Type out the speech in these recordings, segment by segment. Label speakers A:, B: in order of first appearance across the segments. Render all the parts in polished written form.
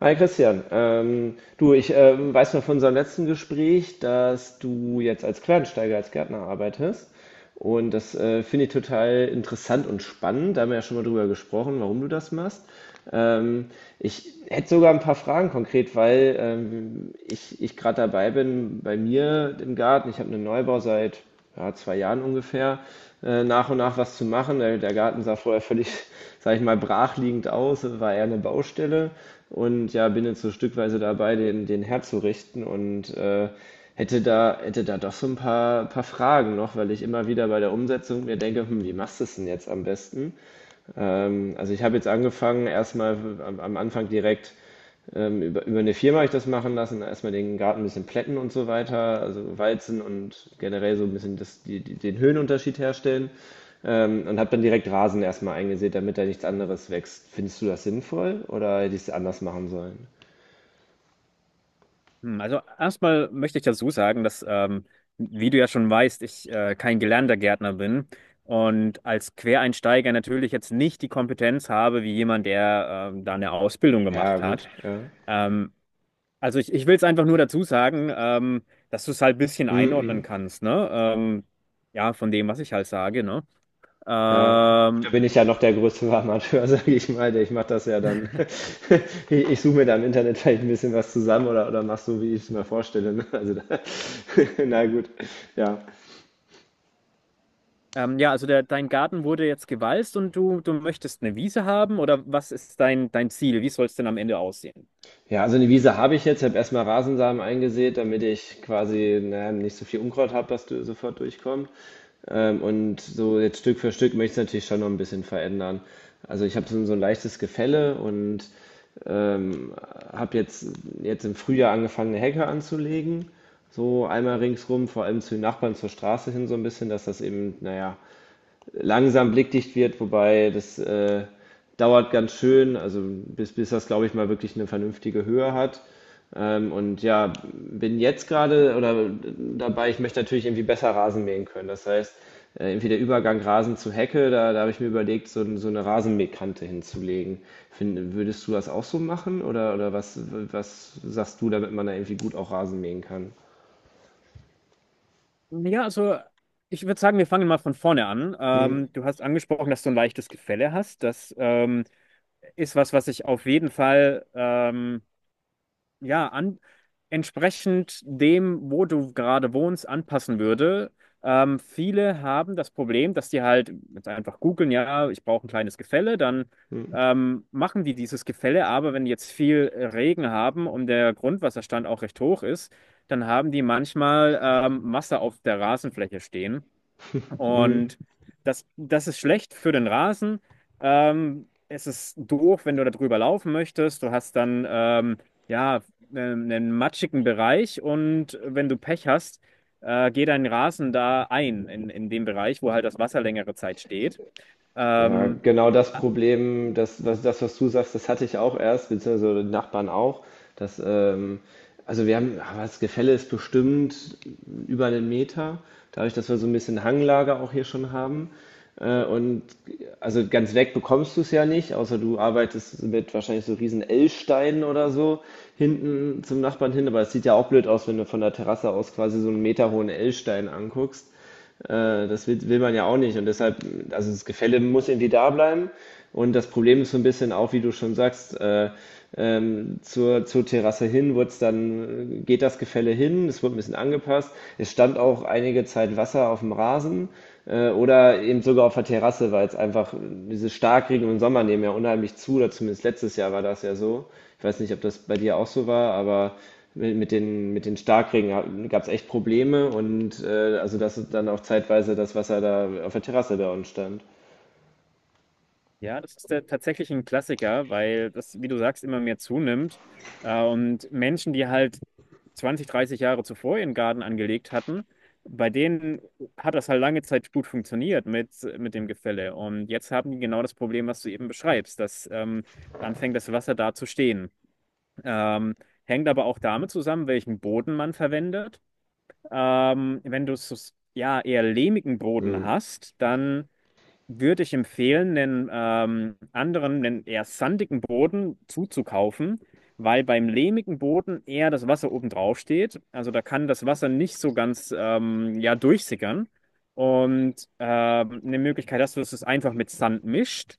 A: Hi Christian, du, ich weiß noch von unserem letzten Gespräch, dass du jetzt als Quereinsteiger, als Gärtner arbeitest. Und das finde ich total interessant und spannend. Da haben wir ja schon mal drüber gesprochen, warum du das machst. Ähm, ich hätte sogar ein paar Fragen konkret, weil ich gerade dabei bin bei mir im Garten. Ich habe einen Neubau seit ja, zwei Jahren ungefähr, nach und nach was zu machen. Der Garten sah vorher völlig, sage ich mal, brachliegend aus, es war eher eine Baustelle und ja, bin jetzt so stückweise dabei, den herzurichten und hätte da doch so ein paar, Fragen noch, weil ich immer wieder bei der Umsetzung mir denke, hm, wie machst du es denn jetzt am besten? Also ich habe jetzt angefangen, erstmal am Anfang direkt über eine Firma habe ich das machen lassen, erstmal den Garten ein bisschen plätten und so weiter, also walzen und generell so ein bisschen den Höhenunterschied herstellen. Und habe dann direkt Rasen erstmal eingesät, damit da nichts anderes wächst. Findest du das sinnvoll oder hätte ich es anders machen sollen?
B: Also erstmal möchte ich dazu sagen, dass, wie du ja schon weißt, ich kein gelernter Gärtner bin und als Quereinsteiger natürlich jetzt nicht die Kompetenz habe, wie jemand, der da eine Ausbildung
A: Ja,
B: gemacht
A: gut,
B: hat.
A: ja.
B: Ähm, also ich will es einfach nur dazu sagen, dass du es halt ein bisschen
A: Mm
B: einordnen
A: -mm.
B: kannst, ne? Ja, von dem, was ich halt sage, ne?
A: Ja, da
B: Ähm,
A: bin ich ja noch der größte Amateur, sage ich mal. Ich mache das ja dann. Ich suche mir da im Internet vielleicht ein bisschen was zusammen oder mach so, wie ich es mir vorstelle. Ne? Also da, na gut, ja.
B: ja, also dein Garten wurde jetzt gewalzt und du möchtest eine Wiese haben, oder was ist dein Ziel? Wie soll es denn am Ende aussehen?
A: Ja, also eine Wiese habe ich jetzt. Ich habe erstmal Rasensamen eingesät, damit ich quasi naja, nicht so viel Unkraut habe, dass du sofort durchkommt. Und so jetzt Stück für Stück möchte ich es natürlich schon noch ein bisschen verändern. Also ich habe so, so ein leichtes Gefälle und Ähm, habe jetzt im Frühjahr angefangen, eine Hecke anzulegen. So einmal ringsrum, vor allem zu den Nachbarn zur Straße hin so ein bisschen, dass das eben, naja, langsam blickdicht wird, wobei das dauert ganz schön, also bis das, glaube ich, mal wirklich eine vernünftige Höhe hat. Und ja, bin jetzt gerade oder dabei, ich möchte natürlich irgendwie besser Rasen mähen können. Das heißt, irgendwie der Übergang Rasen zu Hecke, da habe ich mir überlegt, so, so eine Rasenmähkante hinzulegen. Würdest du das auch so machen oder was, sagst du, damit man da irgendwie gut auch Rasen mähen kann?
B: Ja, also ich würde sagen, wir fangen mal von vorne an.
A: Hm?
B: Du hast angesprochen, dass du ein leichtes Gefälle hast. Das ist was, was ich auf jeden Fall ja, entsprechend dem, wo du gerade wohnst, anpassen würde. Viele haben das Problem, dass die halt jetzt einfach googeln, ja, ich brauche ein kleines Gefälle, dann
A: Hm?
B: machen die dieses Gefälle, aber wenn die jetzt viel Regen haben und der Grundwasserstand auch recht hoch ist, dann haben die manchmal Masse auf der Rasenfläche stehen. Und das ist schlecht für den Rasen. Es ist doof, wenn du da drüber laufen möchtest. Du hast dann ja einen matschigen Bereich, und wenn du Pech hast, geht dein Rasen da ein, in dem Bereich, wo halt das Wasser längere Zeit steht.
A: Ja,
B: Ähm,
A: genau das Problem, das, was du sagst, das hatte ich auch erst, beziehungsweise die Nachbarn auch. Dass, also wir haben, aber das Gefälle ist bestimmt über einen Meter, dadurch, dass wir so ein bisschen Hanglage auch hier schon haben. Und also ganz weg bekommst du es ja nicht, außer du arbeitest mit wahrscheinlich so riesen L-Steinen oder so hinten zum Nachbarn hin. Aber es sieht ja auch blöd aus, wenn du von der Terrasse aus quasi so einen meterhohen L-Stein anguckst. Will man ja auch nicht. Und deshalb, also das Gefälle muss irgendwie da bleiben. Und das Problem ist so ein bisschen auch, wie du schon sagst, zur Terrasse hin wird's dann, geht das Gefälle hin, es wurde ein bisschen angepasst. Es stand auch einige Zeit Wasser auf dem Rasen oder eben sogar auf der Terrasse, weil es einfach diese Starkregen im Sommer nehmen ja unheimlich zu, oder zumindest letztes Jahr war das ja so. Ich weiß nicht, ob das bei dir auch so war, aber mit den Starkregen gab es echt Probleme und also dass dann auch zeitweise das Wasser da auf der Terrasse bei uns stand.
B: Ja, das ist tatsächlich ein Klassiker, weil das, wie du sagst, immer mehr zunimmt. Und Menschen, die halt 20, 30 Jahre zuvor ihren Garten angelegt hatten, bei denen hat das halt lange Zeit gut funktioniert mit dem Gefälle. Und jetzt haben die genau das Problem, was du eben beschreibst, dass anfängt das Wasser da zu stehen. Ähm, hängt aber auch damit zusammen, welchen Boden man verwendet. Wenn du es ja eher lehmigen Boden
A: Hm.
B: hast, dann würde ich empfehlen, einen einen eher sandigen Boden zuzukaufen, weil beim lehmigen Boden eher das Wasser oben drauf steht. Also da kann das Wasser nicht so ganz ja, durchsickern. Und eine Möglichkeit hast du, dass du es einfach mit Sand mischt.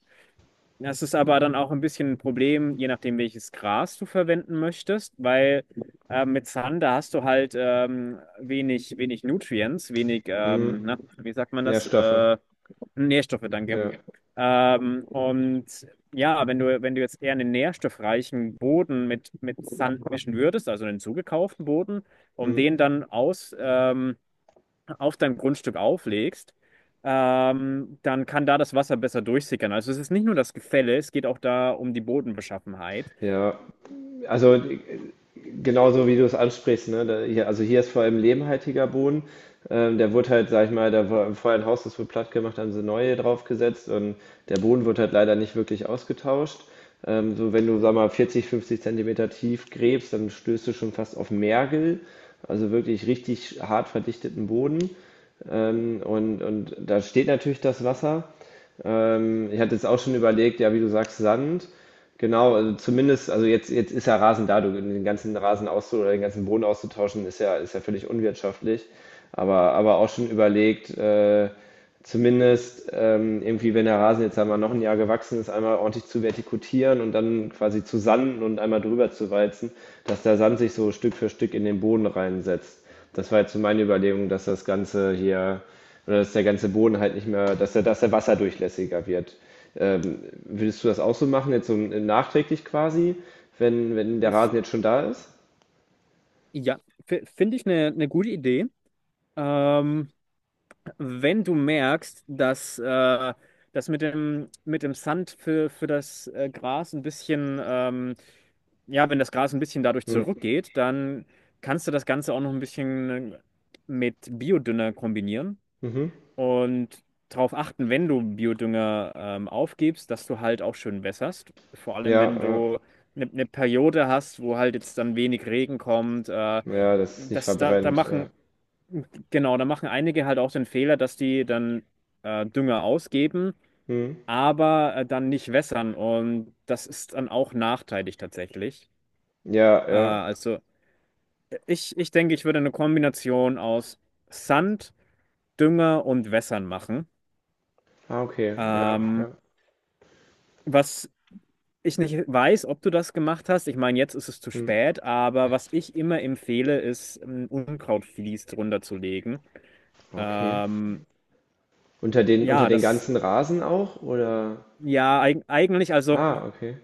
B: Das ist aber dann auch ein bisschen ein Problem, je nachdem, welches Gras du verwenden möchtest, weil mit Sand, da hast du halt wenig Nutrients, wenig,
A: Hm.
B: na, wie sagt man das?
A: Nährstoffe.
B: Nährstoffe, danke.
A: Ja.
B: Und ja, wenn du jetzt eher einen nährstoffreichen Boden mit Sand mischen würdest, also einen zugekauften Boden, um
A: Hm.
B: den dann auf dein Grundstück auflegst, dann kann da das Wasser besser durchsickern. Also es ist nicht nur das Gefälle, es geht auch da um die Bodenbeschaffenheit.
A: Ja. Also genauso wie du es ansprichst, ne? Da, hier, also hier ist vor allem lehmhaltiger Boden. Der wurde halt, sag ich mal, da war vorher ein Haus, das wurde platt gemacht, haben sie neue draufgesetzt und der Boden wird halt leider nicht wirklich ausgetauscht. So wenn du, sag mal, 40, 50 Zentimeter tief gräbst, dann stößt du schon fast auf Mergel, also wirklich richtig hart verdichteten Boden. Und da steht natürlich das Wasser. Ich hatte jetzt auch schon überlegt, ja, wie du sagst, Sand. Genau, also zumindest, also jetzt ist ja Rasen da, du, den ganzen Rasen auszu oder den ganzen Boden auszutauschen, ist ja völlig unwirtschaftlich. Aber auch schon überlegt, zumindest irgendwie, wenn der Rasen jetzt einmal noch ein Jahr gewachsen ist, einmal ordentlich zu vertikutieren und dann quasi zu sanden und einmal drüber zu walzen, dass der Sand sich so Stück für Stück in den Boden reinsetzt. Das war jetzt so meine Überlegung, dass das Ganze hier, oder dass der ganze Boden halt nicht mehr, dass der wasserdurchlässiger wird. Würdest du das auch so machen, jetzt so nachträglich quasi, wenn der
B: Ist,
A: Rasen jetzt schon da ist?
B: ja, finde ich eine gute Idee. Ähm, wenn du merkst, dass das mit dem Sand für das Gras ein bisschen, ja, wenn das Gras ein bisschen dadurch
A: Hm.
B: zurückgeht, dann kannst du das Ganze auch noch ein bisschen mit Biodünger kombinieren
A: Mhm.
B: und darauf achten, wenn du Biodünger aufgibst, dass du halt auch schön wässerst. Vor allem,
A: Ja,
B: wenn
A: äh,
B: du eine Periode hast, wo halt jetzt dann wenig Regen kommt.
A: ja, dass es nicht
B: Das, da, da
A: verbrennt. Ja,
B: machen Genau, da machen einige halt auch den Fehler, dass die dann Dünger ausgeben,
A: hm.
B: aber dann nicht wässern, und das ist dann auch nachteilig tatsächlich.
A: Ja, ja.
B: Also ich denke, ich würde eine Kombination aus Sand, Dünger und Wässern machen.
A: Ah, okay. Ja,
B: Ähm,
A: ja.
B: was ich nicht weiß, ob du das gemacht hast, ich meine, jetzt ist es zu
A: Hm.
B: spät, aber was ich immer empfehle, ist ein Unkrautvlies drunter zu legen.
A: Okay.
B: Ähm,
A: Unter
B: ja,
A: den
B: das,
A: ganzen Rasen auch, oder?
B: ja, eigentlich, also.
A: Ah, okay.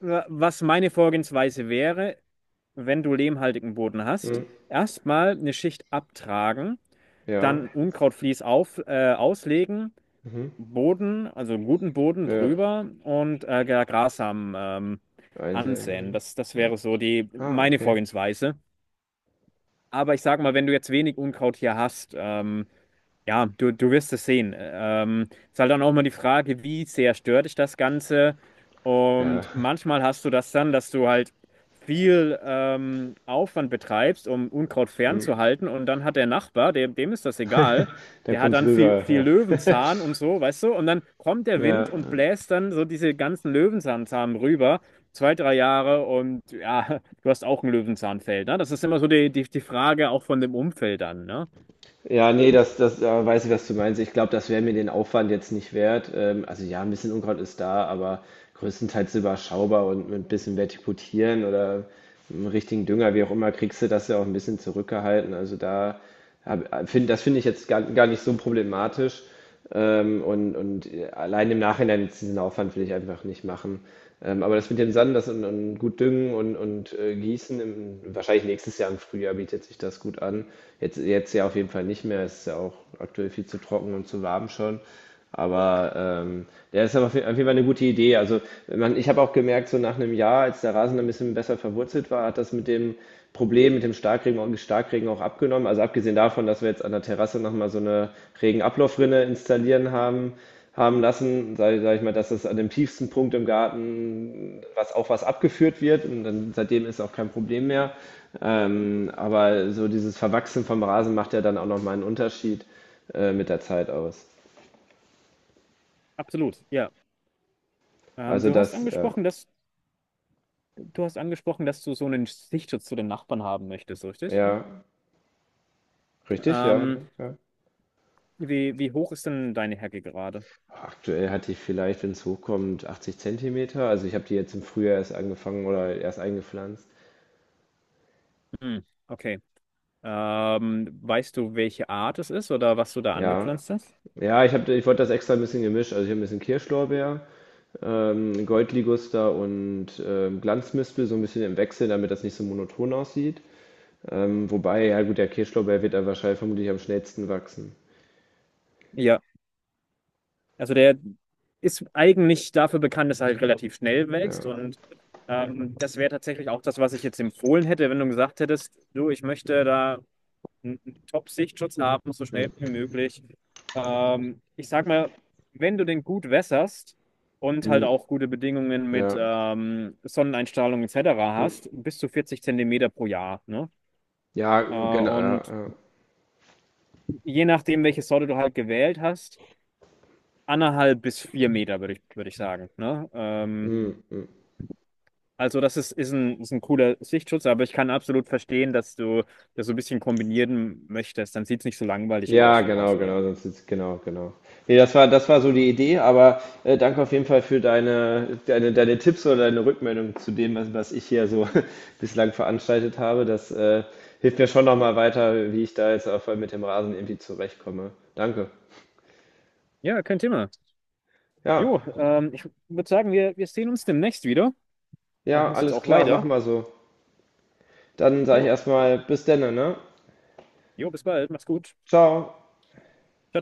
B: Was meine Vorgehensweise wäre, wenn du lehmhaltigen Boden hast,
A: Hm.
B: erstmal eine Schicht abtragen,
A: Ja.
B: dann Unkrautvlies auslegen,
A: Mhm.
B: Boden, also einen guten Boden
A: Ja.
B: drüber und Grassamen ansäen.
A: Einsehen.
B: Das
A: Ja.
B: wäre so die
A: Ah,
B: meine
A: okay.
B: Vorgehensweise. Aber ich sag mal, wenn du jetzt wenig Unkraut hier hast, ja, du wirst es sehen. Ist halt dann auch mal die Frage, wie sehr stört dich das Ganze?
A: Ja,
B: Und manchmal hast du das dann, dass du halt viel Aufwand betreibst, um Unkraut
A: hm.
B: fernzuhalten. Und dann hat der Nachbar, dem ist das egal,
A: Dann
B: der hat
A: kommt's
B: dann viel
A: rüber.
B: Löwenzahn und so, weißt du? Und dann kommt der
A: Ja,
B: Wind und
A: ja.
B: bläst dann so diese ganzen Löwenzahnsamen rüber, zwei, drei Jahre. Und ja, du hast auch ein Löwenzahnfeld, ne? Das ist immer so die Frage auch von dem Umfeld an, ne?
A: Ja, nee, das weiß ich, was du meinst. Ich glaube, das wäre mir den Aufwand jetzt nicht wert. Also ja, ein bisschen Unkraut ist da, aber größtenteils überschaubar und mit ein bisschen Vertikutieren oder einem richtigen Dünger, wie auch immer, kriegst du das ja auch ein bisschen zurückgehalten. Also das finde ich jetzt gar nicht so problematisch. Und allein im Nachhinein jetzt diesen Aufwand will ich einfach nicht machen. Aber das mit dem Sand, und gut düngen und gießen, im, wahrscheinlich nächstes Jahr im Frühjahr bietet sich das gut an. Jetzt ja auf jeden Fall nicht mehr, es ist ja auch aktuell viel zu trocken und zu warm schon. Aber ähm, ja, ist aber auf jeden Fall eine gute Idee. Also man, ich habe auch gemerkt, so nach einem Jahr, als der Rasen ein bisschen besser verwurzelt war, hat das mit dem Problem, mit dem Starkregen, Starkregen auch abgenommen. Also abgesehen davon, dass wir jetzt an der Terrasse nochmal so eine Regenablaufrinne haben lassen, sag ich mal, dass das an dem tiefsten Punkt im Garten was abgeführt wird und dann seitdem ist auch kein Problem mehr. Aber so dieses Verwachsen vom Rasen macht ja dann auch nochmal einen Unterschied mit der Zeit aus.
B: Absolut, ja. Ähm,
A: Also
B: du hast
A: das,
B: angesprochen, dass du hast angesprochen, dass du so einen Sichtschutz zu den Nachbarn haben möchtest, richtig?
A: ja, richtig, ja,
B: Ähm,
A: ja.
B: wie hoch ist denn deine Hecke gerade?
A: Aktuell hatte ich vielleicht, wenn es hochkommt, 80 Zentimeter. Also ich habe die jetzt im Frühjahr erst angefangen oder erst eingepflanzt.
B: Hm, okay. Weißt du, welche Art es ist oder was du da
A: Ja,
B: angepflanzt hast?
A: ja, ich wollte das extra ein bisschen gemischt. Also ich habe ein bisschen Kirschlorbeer, Goldliguster und Glanzmispel so ein bisschen im Wechsel, damit das nicht so monoton aussieht. Wobei, ja gut, der Kirschlorbeer wird da wahrscheinlich vermutlich am schnellsten wachsen.
B: Ja, also der ist eigentlich dafür bekannt, dass er halt relativ schnell wächst,
A: Ja,
B: und das wäre tatsächlich auch das, was ich jetzt empfohlen hätte, wenn du gesagt hättest: du, ich möchte da einen Top-Sichtschutz haben, so
A: hm,
B: schnell wie möglich. Ich sag mal, wenn du den gut wässerst und halt
A: hm,
B: auch gute Bedingungen mit
A: ja,
B: Sonneneinstrahlung etc. hast,
A: hm,
B: bis zu 40 Zentimeter pro Jahr. Ne?
A: ja, genau, ja,
B: Und
A: ja,
B: je nachdem, welche Sorte du halt gewählt hast, 1,5 bis 4 Meter, würde ich sagen. Ne?
A: hm, hm.
B: Also das ist ein cooler Sichtschutz, aber ich kann absolut verstehen, dass du das so ein bisschen kombinieren möchtest. Dann sieht es nicht so langweilig aus
A: Ja,
B: von
A: genau,
B: außen, ja.
A: genau, sonst ist, genau, genau. Nee, das war so die Idee, aber danke auf jeden Fall für deine Tipps oder deine Rückmeldung zu dem, was ich hier so bislang veranstaltet habe. Das hilft mir schon nochmal weiter, wie ich da jetzt mit dem Rasen irgendwie zurechtkomme. Danke.
B: Ja, kein Thema.
A: Ja,
B: Jo, ich würde sagen, wir sehen uns demnächst wieder. Ich
A: ja,
B: muss jetzt
A: alles
B: auch
A: klar,
B: weiter.
A: machen wir so. Dann sage ich
B: Jo,
A: erstmal bis denne, ne?
B: jo, bis bald. Mach's gut.
A: Ciao.